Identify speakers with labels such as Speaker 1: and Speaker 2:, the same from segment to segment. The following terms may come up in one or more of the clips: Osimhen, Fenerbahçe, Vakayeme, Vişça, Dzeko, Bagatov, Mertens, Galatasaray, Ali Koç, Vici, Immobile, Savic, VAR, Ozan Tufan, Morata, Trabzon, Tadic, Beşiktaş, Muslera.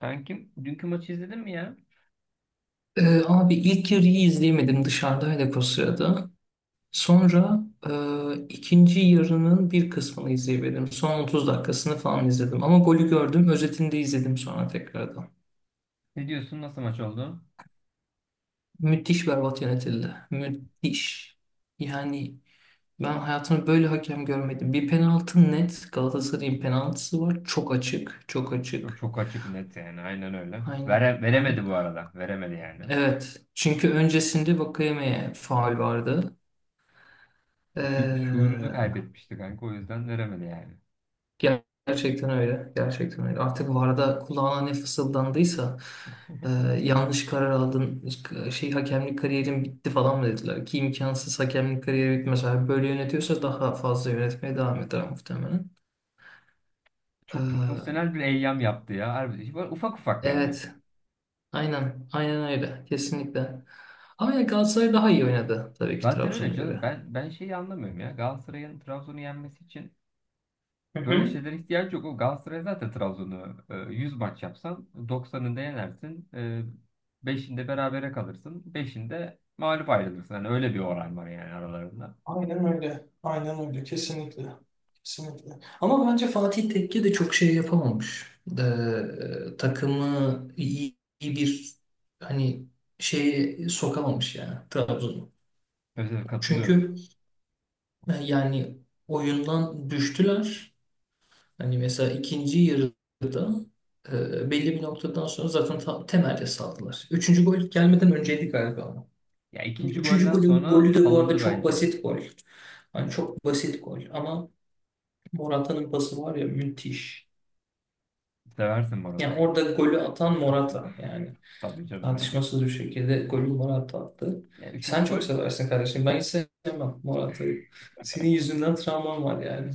Speaker 1: Sen kim? Dünkü maçı izledin mi ya?
Speaker 2: Abi ilk yarıyı izleyemedim dışarıdaydık o sırada. Sonra ikinci yarının bir kısmını izleyemedim. Son 30 dakikasını falan izledim. Ama golü gördüm. Özetini de izledim sonra tekrardan.
Speaker 1: Ne diyorsun? Nasıl maç oldu?
Speaker 2: Müthiş berbat yönetildi. Müthiş. Yani ben hayatımda böyle hakem görmedim. Bir penaltı net. Galatasaray'ın penaltısı var. Çok açık. Çok
Speaker 1: Çok,
Speaker 2: açık.
Speaker 1: çok açık net yani. Aynen öyle.
Speaker 2: Aynen.
Speaker 1: Veremedi bu arada. Veremedi yani.
Speaker 2: Evet. Çünkü öncesinde Vakayeme'ye faul vardı.
Speaker 1: Şuurunu
Speaker 2: Ee,
Speaker 1: kaybetmişti kanka. O yüzden veremedi yani.
Speaker 2: Gerçekten öyle. Gerçekten öyle. Artık VAR'da kulağına ne fısıldandıysa e, yanlış karar aldın, şey hakemlik kariyerin bitti falan mı dediler ki imkansız hakemlik kariyeri bitmez. Eğer böyle yönetiyorsa daha fazla yönetmeye devam eder muhtemelen.
Speaker 1: Çok
Speaker 2: E,
Speaker 1: profesyonel bir eyyam yaptı ya. Harbi, böyle ufak ufak yani.
Speaker 2: evet. Aynen. Aynen öyle. Kesinlikle. Ama yani Galatasaray daha iyi oynadı tabii ki
Speaker 1: Zaten öyle
Speaker 2: Trabzon'a
Speaker 1: canım.
Speaker 2: göre.
Speaker 1: Ben şeyi anlamıyorum ya. Galatasaray'ın Trabzon'u yenmesi için
Speaker 2: Hı
Speaker 1: böyle
Speaker 2: hı.
Speaker 1: şeylere ihtiyaç yok. O Galatasaray zaten Trabzon'u 100 maç yapsan 90'ında yenersin. 5'inde berabere kalırsın, 5'inde mağlup ayrılırsın. Hani öyle bir oran var yani aralarında.
Speaker 2: Aynen öyle. Aynen öyle. Kesinlikle. Kesinlikle. Ama bence Fatih Tekke de çok şey yapamamış. Takımı iyi bir hani şeye sokamamış yani Trabzon'u.
Speaker 1: Özellikle katılıyorum.
Speaker 2: Çünkü yani oyundan düştüler. Hani mesela ikinci yarıda belli bir noktadan sonra zaten temelde saldılar. Üçüncü gol gelmeden önceydi galiba ama.
Speaker 1: Ya ikinci
Speaker 2: Üçüncü
Speaker 1: golden
Speaker 2: golün
Speaker 1: sonra
Speaker 2: golü de bu arada
Speaker 1: salındı
Speaker 2: çok
Speaker 1: bence.
Speaker 2: basit gol. Hani çok basit gol ama Morata'nın pası var ya müthiş.
Speaker 1: Seversin
Speaker 2: Yani
Speaker 1: Morata'yı.
Speaker 2: orada golü atan Morata yani.
Speaker 1: Tabii canım ya.
Speaker 2: Tartışmasız bir şekilde golü Morata attı.
Speaker 1: Ya
Speaker 2: Sen çok seversin kardeşim. Ben hiç sevmem Morata'yı. Senin yüzünden travmam var yani.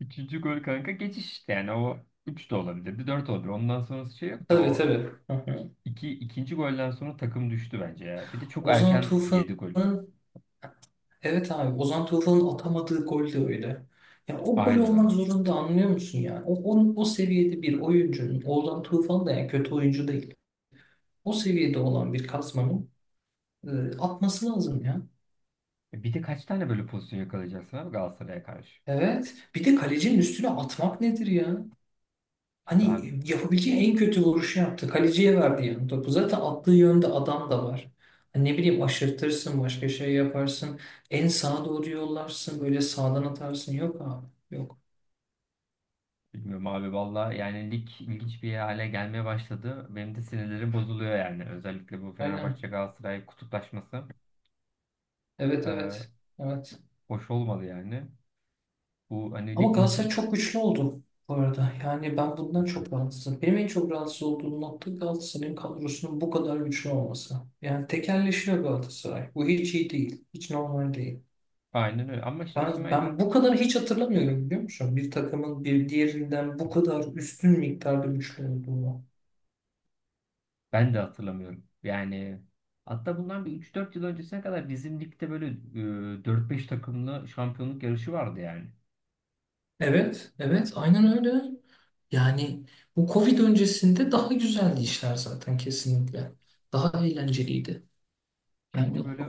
Speaker 1: üçüncü gol kanka geçiş işte yani o 3 de olabilirdi, 4 olabilir. Ondan sonrası şey yok da
Speaker 2: Tabii
Speaker 1: o
Speaker 2: tabii. Hı hı.
Speaker 1: ikinci golden sonra takım düştü bence ya. Bir de çok
Speaker 2: Ozan
Speaker 1: erken yedi gol.
Speaker 2: Tufan'ın, evet abi, Ozan Tufan'ın atamadığı gol de öyle. Ya o gol
Speaker 1: Aynen öyle.
Speaker 2: olmak zorunda anlıyor musun yani? O seviyede bir oyuncunun Ozan Tufan da yani kötü oyuncu değil. O seviyede olan bir kasmanın e, atması lazım ya.
Speaker 1: Bir de kaç tane böyle pozisyon yakalayacaksın abi Galatasaray'a karşı?
Speaker 2: Evet. Bir de kalecinin üstüne atmak nedir ya?
Speaker 1: İşte abi
Speaker 2: Hani yapabileceği en kötü vuruşu yaptı. Kaleciye verdi yani topu. Zaten attığı yönde adam da var. Hani ne bileyim aşırtırsın, başka şey yaparsın. En sağa doğru yollarsın, böyle sağdan atarsın. Yok abi, yok.
Speaker 1: bilmiyorum abi valla yani lig ilginç bir hale gelmeye başladı. Benim de sinirlerim bozuluyor yani. Özellikle bu Fenerbahçe
Speaker 2: Aynen.
Speaker 1: Galatasaray kutuplaşması
Speaker 2: Evet,
Speaker 1: e,
Speaker 2: evet. Evet.
Speaker 1: hoş olmadı yani. Bu hani
Speaker 2: Ama
Speaker 1: lig
Speaker 2: Galatasaray
Speaker 1: maçı
Speaker 2: çok güçlü oldu bu arada. Yani ben bundan çok rahatsızım. Benim en çok rahatsız olduğum nokta Galatasaray'ın kadrosunun bu kadar güçlü olması. Yani tekelleşiyor Galatasaray. Bu hiç iyi değil. Hiç normal değil.
Speaker 1: aynen öyle ama işte
Speaker 2: Ben,
Speaker 1: Osimhen
Speaker 2: ben bu kadar hiç hatırlamıyorum biliyor musun? Bir takımın bir diğerinden bu kadar üstün miktarda güçlü olduğunu.
Speaker 1: ben de hatırlamıyorum. Yani hatta bundan bir üç dört yıl öncesine kadar bizim ligde böyle 4-5 takımlı şampiyonluk yarışı vardı yani.
Speaker 2: Evet, evet, aynen öyle. Yani bu Covid öncesinde daha güzeldi işler zaten kesinlikle. Daha eğlenceliydi.
Speaker 1: Şimdi
Speaker 2: Yani
Speaker 1: böyle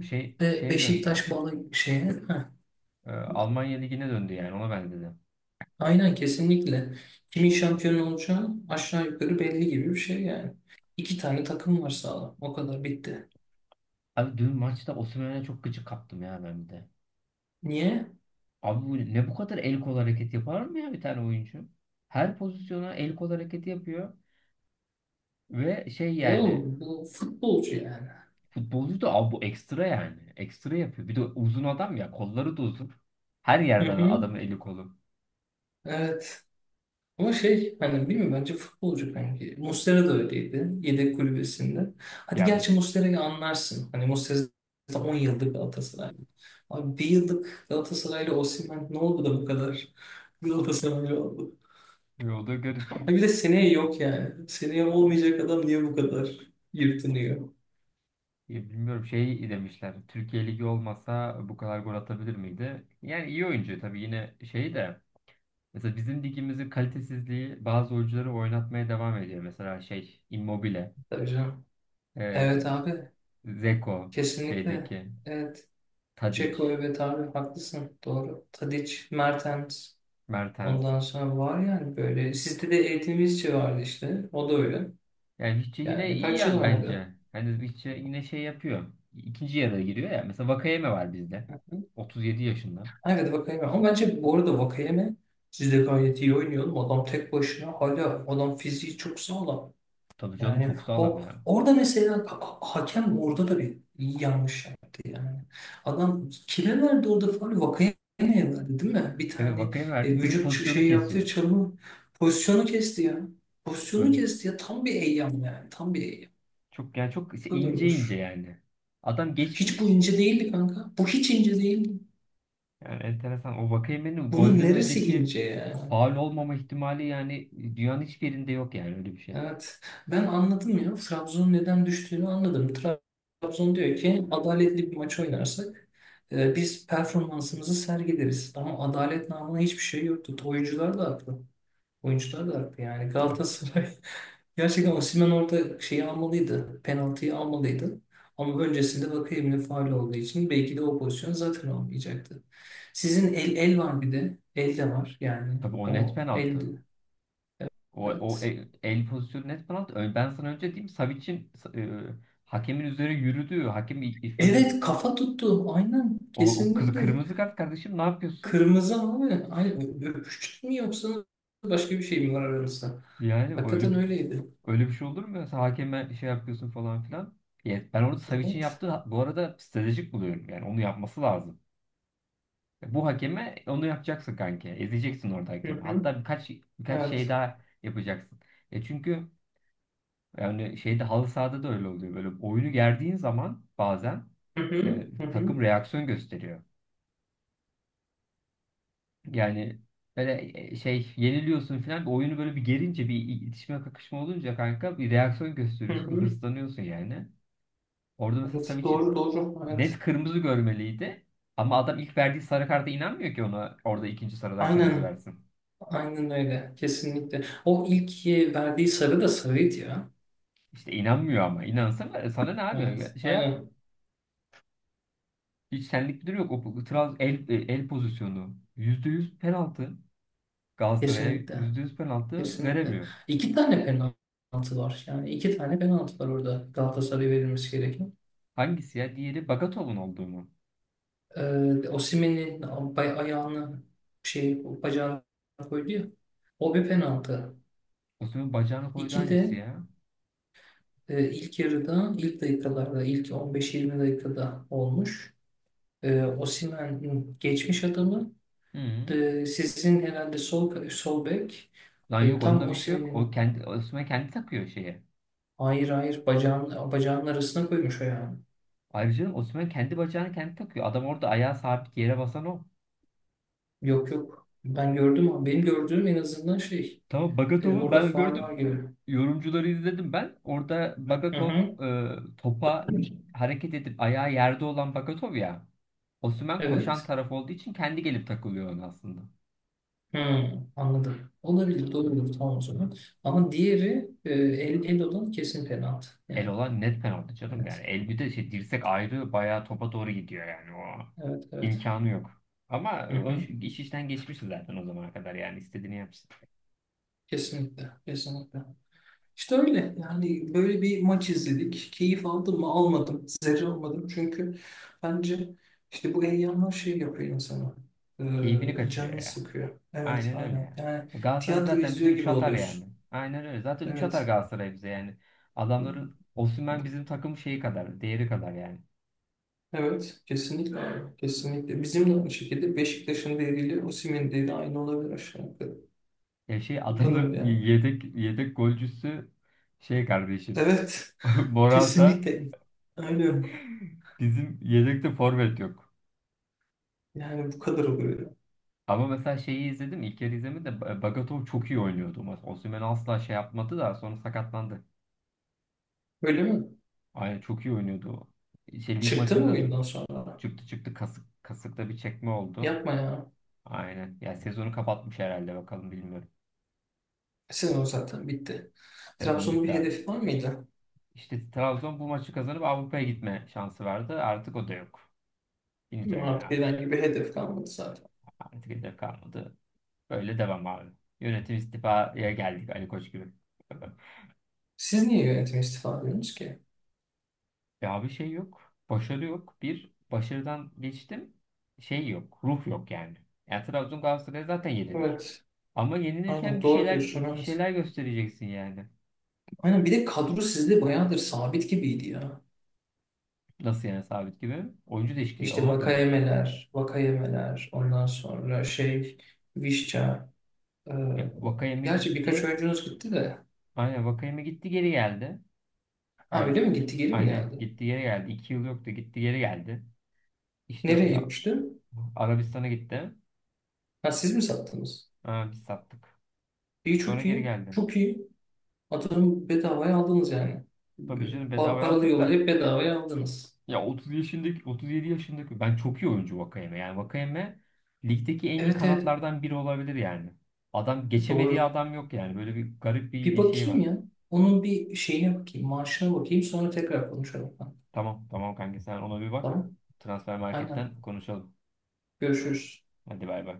Speaker 1: şeye döndü.
Speaker 2: Beşiktaş bağlı şeye. Heh,
Speaker 1: Almanya Ligi'ne döndü yani ona benzedi.
Speaker 2: aynen kesinlikle. Kimin şampiyon olacağı aşağı yukarı belli gibi bir şey yani. İki tane takım var sağlam. O kadar bitti.
Speaker 1: Abi dün maçta Osimhen'e çok gıcık kaptım ya ben bir de.
Speaker 2: Niye?
Speaker 1: Abi bu ne bu kadar el kol hareketi yapar mı ya bir tane oyuncu? Her pozisyona el kol hareketi yapıyor ve şey
Speaker 2: E
Speaker 1: yani
Speaker 2: oğlum bu futbolcu yani.
Speaker 1: futbolcu da abi bu ekstra yani. Ekstra yapıyor. Bir de uzun adam ya kolları da uzun. Her
Speaker 2: Hı
Speaker 1: yerden adamın
Speaker 2: hı.
Speaker 1: eli kolu.
Speaker 2: Evet. Ama şey hani bilmiyorum bence futbolcu kanki. Muslera da öyleydi. Yedek kulübesinde. Hadi
Speaker 1: Yani
Speaker 2: gerçi Muslera'yı anlarsın. Hani Muslera zaten 10 yıllık Galatasaraylı. Abi bir yıllık Galatasaraylı Osimhen ne oldu da bu kadar Galatasaraylı oldu?
Speaker 1: o da garip.
Speaker 2: Ha bir de seneye yok yani. Seneye olmayacak adam niye bu kadar yırtınıyor?
Speaker 1: Ya bilmiyorum şey demişler. Türkiye Ligi olmasa bu kadar gol atabilir miydi? Yani iyi oyuncu tabii yine şey de mesela bizim ligimizin kalitesizliği bazı oyuncuları oynatmaya devam ediyor. Mesela şey Immobile,
Speaker 2: Tabii canım. Evet
Speaker 1: eee
Speaker 2: abi.
Speaker 1: Dzeko,
Speaker 2: Kesinlikle.
Speaker 1: şeydeki
Speaker 2: Evet.
Speaker 1: Tadic,
Speaker 2: Ceko, evet abi, haklısın. Doğru. Tadic, Mertens.
Speaker 1: Mertens.
Speaker 2: Ondan sonra var yani böyle. Sizde de eğitimizci vardı işte. O da öyle.
Speaker 1: Yani Vici yine
Speaker 2: Yani
Speaker 1: iyi
Speaker 2: kaç yıl
Speaker 1: yani bence.
Speaker 2: oynadı?
Speaker 1: Hani Vici yine şey yapıyor. İkinci yarıya giriyor ya. Mesela Vakayeme var bizde.
Speaker 2: Hı hı.
Speaker 1: 37 yaşında.
Speaker 2: Evet Vakayeme. Ama bence bu arada Vakayeme sizde gayet iyi oynuyor. Adam tek başına hala adam fiziği çok sağlam.
Speaker 1: Tabii canım
Speaker 2: Yani
Speaker 1: çok sağlam
Speaker 2: o
Speaker 1: ya.
Speaker 2: orada mesela hakem orada da bir yanlış yaptı yani. Adam kime verdi orada faul? Vakayeme'ye verdi değil mi? Bir
Speaker 1: Evet
Speaker 2: tane
Speaker 1: Vakayeme verdik bizim
Speaker 2: vücut
Speaker 1: pozisyonu
Speaker 2: şey yaptığı
Speaker 1: kesiyor.
Speaker 2: çalımı pozisyonu kesti ya. Pozisyonu
Speaker 1: Böyle
Speaker 2: kesti ya tam bir eyyam yani tam bir eyyam.
Speaker 1: çok yani çok işte
Speaker 2: Kadar
Speaker 1: ince ince
Speaker 2: olur.
Speaker 1: yani. Adam
Speaker 2: Hiç bu
Speaker 1: geçmiş.
Speaker 2: ince değildi kanka. Bu hiç ince değildi.
Speaker 1: Yani enteresan. O Vakayeme'nin
Speaker 2: Bunun
Speaker 1: golden
Speaker 2: neresi
Speaker 1: önceki
Speaker 2: ince ya?
Speaker 1: faul olmama ihtimali yani dünyanın hiçbir yerinde yok yani öyle bir şey.
Speaker 2: Evet. Ben anladım ya. Trabzon'un neden düştüğünü anladım. Trabzon diyor ki adaletli bir maç oynarsak biz performansımızı sergileriz. Ama adalet namına hiçbir şey yoktu. Oyuncular da haklı. Oyuncular da haklı yani.
Speaker 1: Ya.
Speaker 2: Galatasaray gerçekten Osimhen orada şeyi almalıydı. Penaltıyı almalıydı. Ama öncesinde Vakayemi'nin faul olduğu için belki de o pozisyon zaten olmayacaktı. Sizin el var bir de. El de var yani.
Speaker 1: Tabii o net
Speaker 2: O
Speaker 1: penaltı.
Speaker 2: eldi.
Speaker 1: O, o
Speaker 2: Evet.
Speaker 1: e- el pozisyonu net penaltı. Ben sana önce diyeyim Savic'in hakemin üzerine yürüdüğü, hakem böyle
Speaker 2: Evet kafa tuttu. Aynen
Speaker 1: o, o kızı
Speaker 2: kesinlikle.
Speaker 1: kırmızı kart kardeşim ne yapıyorsun?
Speaker 2: Kırmızı abi. Aynen. Öpüştük mü yoksa başka bir şey mi var aranızda?
Speaker 1: Yani öyle
Speaker 2: Hakikaten öyleydi.
Speaker 1: öyle bir şey olur mu ya? Sen hakeme şey yapıyorsun falan filan. Evet, ben orada Savic'in
Speaker 2: Evet.
Speaker 1: yaptığı bu arada stratejik buluyorum. Yani onu yapması lazım. Bu hakeme onu yapacaksın kanka. Ezeceksin orada
Speaker 2: Hı
Speaker 1: hakemi.
Speaker 2: hı.
Speaker 1: Hatta birkaç şey
Speaker 2: Evet.
Speaker 1: daha yapacaksın. Çünkü yani şeyde halı sahada da öyle oluyor. Böyle oyunu gerdiğin zaman bazen
Speaker 2: Hı hı. Hı hı.
Speaker 1: takım reaksiyon gösteriyor. Yani böyle şey yeniliyorsun falan. Bir oyunu böyle bir gerince bir itişme kakışma olunca kanka bir reaksiyon
Speaker 2: Hı
Speaker 1: gösteriyorsun. Bir
Speaker 2: hı.
Speaker 1: hırslanıyorsun yani. Orada mesela
Speaker 2: Evet.
Speaker 1: Savic'i
Speaker 2: Doğru doğru. Evet.
Speaker 1: net kırmızı görmeliydi. Ama adam ilk verdiği sarı karta inanmıyor ki ona orada ikinci sarıdan kırmızı
Speaker 2: Aynen.
Speaker 1: versin.
Speaker 2: Aynen öyle. Kesinlikle. O ilk verdiği sarı da sarıydı ya.
Speaker 1: İşte inanmıyor ama. İnansana sana ne
Speaker 2: Evet.
Speaker 1: abi? Şey yap.
Speaker 2: Aynen.
Speaker 1: Hiç senlik bir durum yok. O el pozisyonu. Yüzde yüz penaltı. Galatasaray'a
Speaker 2: Kesinlikle.
Speaker 1: %100 penaltı
Speaker 2: Kesinlikle.
Speaker 1: veremiyor.
Speaker 2: İki tane penaltı var. Yani iki tane penaltı var orada Galatasaray'a verilmesi gereken.
Speaker 1: Hangisi ya? Diğeri Bagatov'un olduğu mu?
Speaker 2: Osimhen'in ayağını şey bacağına koydu ya. O bir penaltı.
Speaker 1: Osimhen bacağını koydu
Speaker 2: İki
Speaker 1: hangisi
Speaker 2: de
Speaker 1: ya?
Speaker 2: ilk yarıda, ilk dakikalarda, ilk 15-20 dakikada olmuş. Osimhen geçmiş adamı.
Speaker 1: Hı.
Speaker 2: Sizin herhalde sol bek
Speaker 1: Lan yok
Speaker 2: tam
Speaker 1: onda bir şey yok. O
Speaker 2: Osimhen'in
Speaker 1: kendi Osimhen kendi takıyor şeye.
Speaker 2: hayır hayır bacağının arasına koymuş ayağını.
Speaker 1: Ayrıca Osimhen kendi bacağını kendi takıyor. Adam orada ayağı sabit yere basan o.
Speaker 2: Yok yok. Ben gördüm ama benim gördüğüm en azından şey
Speaker 1: Tamam Bagatov'u
Speaker 2: orada
Speaker 1: ben
Speaker 2: faul var
Speaker 1: gördüm.
Speaker 2: gibi.
Speaker 1: Yorumcuları izledim ben. Orada
Speaker 2: Hı
Speaker 1: Bagatov
Speaker 2: hı.
Speaker 1: e, topa hareket edip ayağı yerde olan Bagatov ya. Osimhen koşan
Speaker 2: Evet.
Speaker 1: taraf olduğu için kendi gelip takılıyor ona aslında.
Speaker 2: Hmm, anladım. Olabilir, doğrudur tamam o zaman. Ama diğeri el olan kesin penaltı.
Speaker 1: El
Speaker 2: Yani
Speaker 1: olan net penaltı canım
Speaker 2: evet,
Speaker 1: yani. El bir de şey dirsek ayrı bayağı topa doğru gidiyor yani o.
Speaker 2: evet, evet.
Speaker 1: imkanı yok. Ama
Speaker 2: Hı
Speaker 1: o
Speaker 2: hı.
Speaker 1: iş işten geçmişti zaten o zamana kadar yani istediğini yapsın.
Speaker 2: Kesinlikle, kesinlikle. İşte öyle yani böyle bir maç izledik. Keyif aldım mı almadım. Zerre almadım çünkü bence işte bu heyecanlar şey yapıyor insana.
Speaker 1: Keyfini
Speaker 2: Ee,
Speaker 1: kaçırıyor
Speaker 2: canını
Speaker 1: ya.
Speaker 2: sıkıyor. Evet
Speaker 1: Aynen öyle
Speaker 2: aynen
Speaker 1: ya.
Speaker 2: yani
Speaker 1: Galatasaray
Speaker 2: tiyatro
Speaker 1: zaten bize
Speaker 2: izliyor
Speaker 1: 3
Speaker 2: gibi
Speaker 1: atar yani.
Speaker 2: oluyorsun.
Speaker 1: Aynen öyle. Zaten 3 atar
Speaker 2: Evet.
Speaker 1: Galatasaray bize yani. Adamların Osimhen bizim takım şeyi kadar, değeri kadar yani.
Speaker 2: Evet, kesinlikle abi. Kesinlikle. Bizim de aynı şekilde Beşiktaş'ın değeriyle Osimhen'in değeri aynı olabilir aşağı yukarı.
Speaker 1: Ya şey
Speaker 2: Bu kadar
Speaker 1: adamların
Speaker 2: ya.
Speaker 1: yedek golcüsü şey kardeşim
Speaker 2: Evet,
Speaker 1: Morata
Speaker 2: kesinlikle. Aynen.
Speaker 1: bizim yedekte forvet yok.
Speaker 2: Yani bu kadar oluyor ya.
Speaker 1: Ama mesela şeyi izledim. İlk yarı izlemedim de Bagatov çok iyi oynuyordu. Osimhen asla şey yapmadı da sonra sakatlandı.
Speaker 2: Öyle mi?
Speaker 1: Aynen çok iyi oynuyordu o. Şey lig
Speaker 2: Çıktı mı
Speaker 1: maçında da
Speaker 2: oyundan sonra?
Speaker 1: çıktı çıktı kasıkta bir çekme oldu.
Speaker 2: Yapma ya.
Speaker 1: Aynen. Ya sezonu kapatmış herhalde bakalım bilmiyorum.
Speaker 2: Sezon zaten bitti.
Speaker 1: Sezon
Speaker 2: Trabzon'un
Speaker 1: bitti
Speaker 2: bir
Speaker 1: abi.
Speaker 2: hedefi var mıydı?
Speaker 1: İşte Trabzon bu maçı kazanıp Avrupa'ya gitme şansı vardı. Artık o da yok. Finito
Speaker 2: Bilmiyorum,
Speaker 1: yani
Speaker 2: artık
Speaker 1: abi.
Speaker 2: herhangi bir hedef kalmadı zaten.
Speaker 1: Artık hedef kalmadı. Böyle devam abi. Yönetim istifaya geldik Ali Koç gibi.
Speaker 2: Siz niye yönetime istifa ediyorsunuz ki?
Speaker 1: Ya abi şey yok. Başarı yok. Bir başarıdan geçtim. Şey yok. Ruh yok yani. Yani Trabzon Galatasaray zaten yenilir.
Speaker 2: Evet.
Speaker 1: Ama
Speaker 2: Aynen
Speaker 1: yenilirken bir
Speaker 2: doğru
Speaker 1: şeyler
Speaker 2: diyorsun.
Speaker 1: bir
Speaker 2: Evet.
Speaker 1: şeyler göstereceksin yani.
Speaker 2: Aynen bir de kadro sizde bayağıdır sabit gibiydi ya.
Speaker 1: Nasıl yani sabit gibi? Oyuncu değişikliği
Speaker 2: İşte
Speaker 1: olmadı mı?
Speaker 2: vakayemeler, vakayemeler, ondan sonra şey, Vişça. e,
Speaker 1: Ya, Vakayeme
Speaker 2: gerçi
Speaker 1: gitti.
Speaker 2: birkaç oyuncunuz gitti de.
Speaker 1: Aynen Vakayeme gitti geri geldi.
Speaker 2: Ha
Speaker 1: Yani,
Speaker 2: öyle mi gitti, geri mi
Speaker 1: aynen
Speaker 2: geldi?
Speaker 1: gitti geri geldi. 2 yıl yoktu gitti geri geldi. İşte o
Speaker 2: Nereye
Speaker 1: ya
Speaker 2: gitmişti?
Speaker 1: Arabistan'a gitti.
Speaker 2: Ha siz mi sattınız?
Speaker 1: Ha, biz sattık.
Speaker 2: İyi çok
Speaker 1: Sonra geri
Speaker 2: iyi,
Speaker 1: geldi.
Speaker 2: çok iyi. Atıyorum bedavaya aldınız yani.
Speaker 1: Tabii canım bedavaya
Speaker 2: Paralı
Speaker 1: aldık da
Speaker 2: yollayıp bedavaya aldınız.
Speaker 1: ya 30 yaşındaki 37 yaşındaki ben çok iyi oyuncu Vakayeme. Yani Vakayeme ligdeki en iyi
Speaker 2: Evet evet,
Speaker 1: kanatlardan biri olabilir yani. Adam geçemediği
Speaker 2: doğru.
Speaker 1: adam yok yani. Böyle bir garip
Speaker 2: Bir
Speaker 1: bir şey
Speaker 2: bakayım
Speaker 1: var.
Speaker 2: ya. Onun bir şeyine bakayım, maaşına bakayım sonra tekrar konuşalım.
Speaker 1: Tamam, tamam, kanka sen ona bir bak.
Speaker 2: Tamam,
Speaker 1: Transfer
Speaker 2: aynen.
Speaker 1: marketten konuşalım.
Speaker 2: Görüşürüz.
Speaker 1: Hadi bay bay.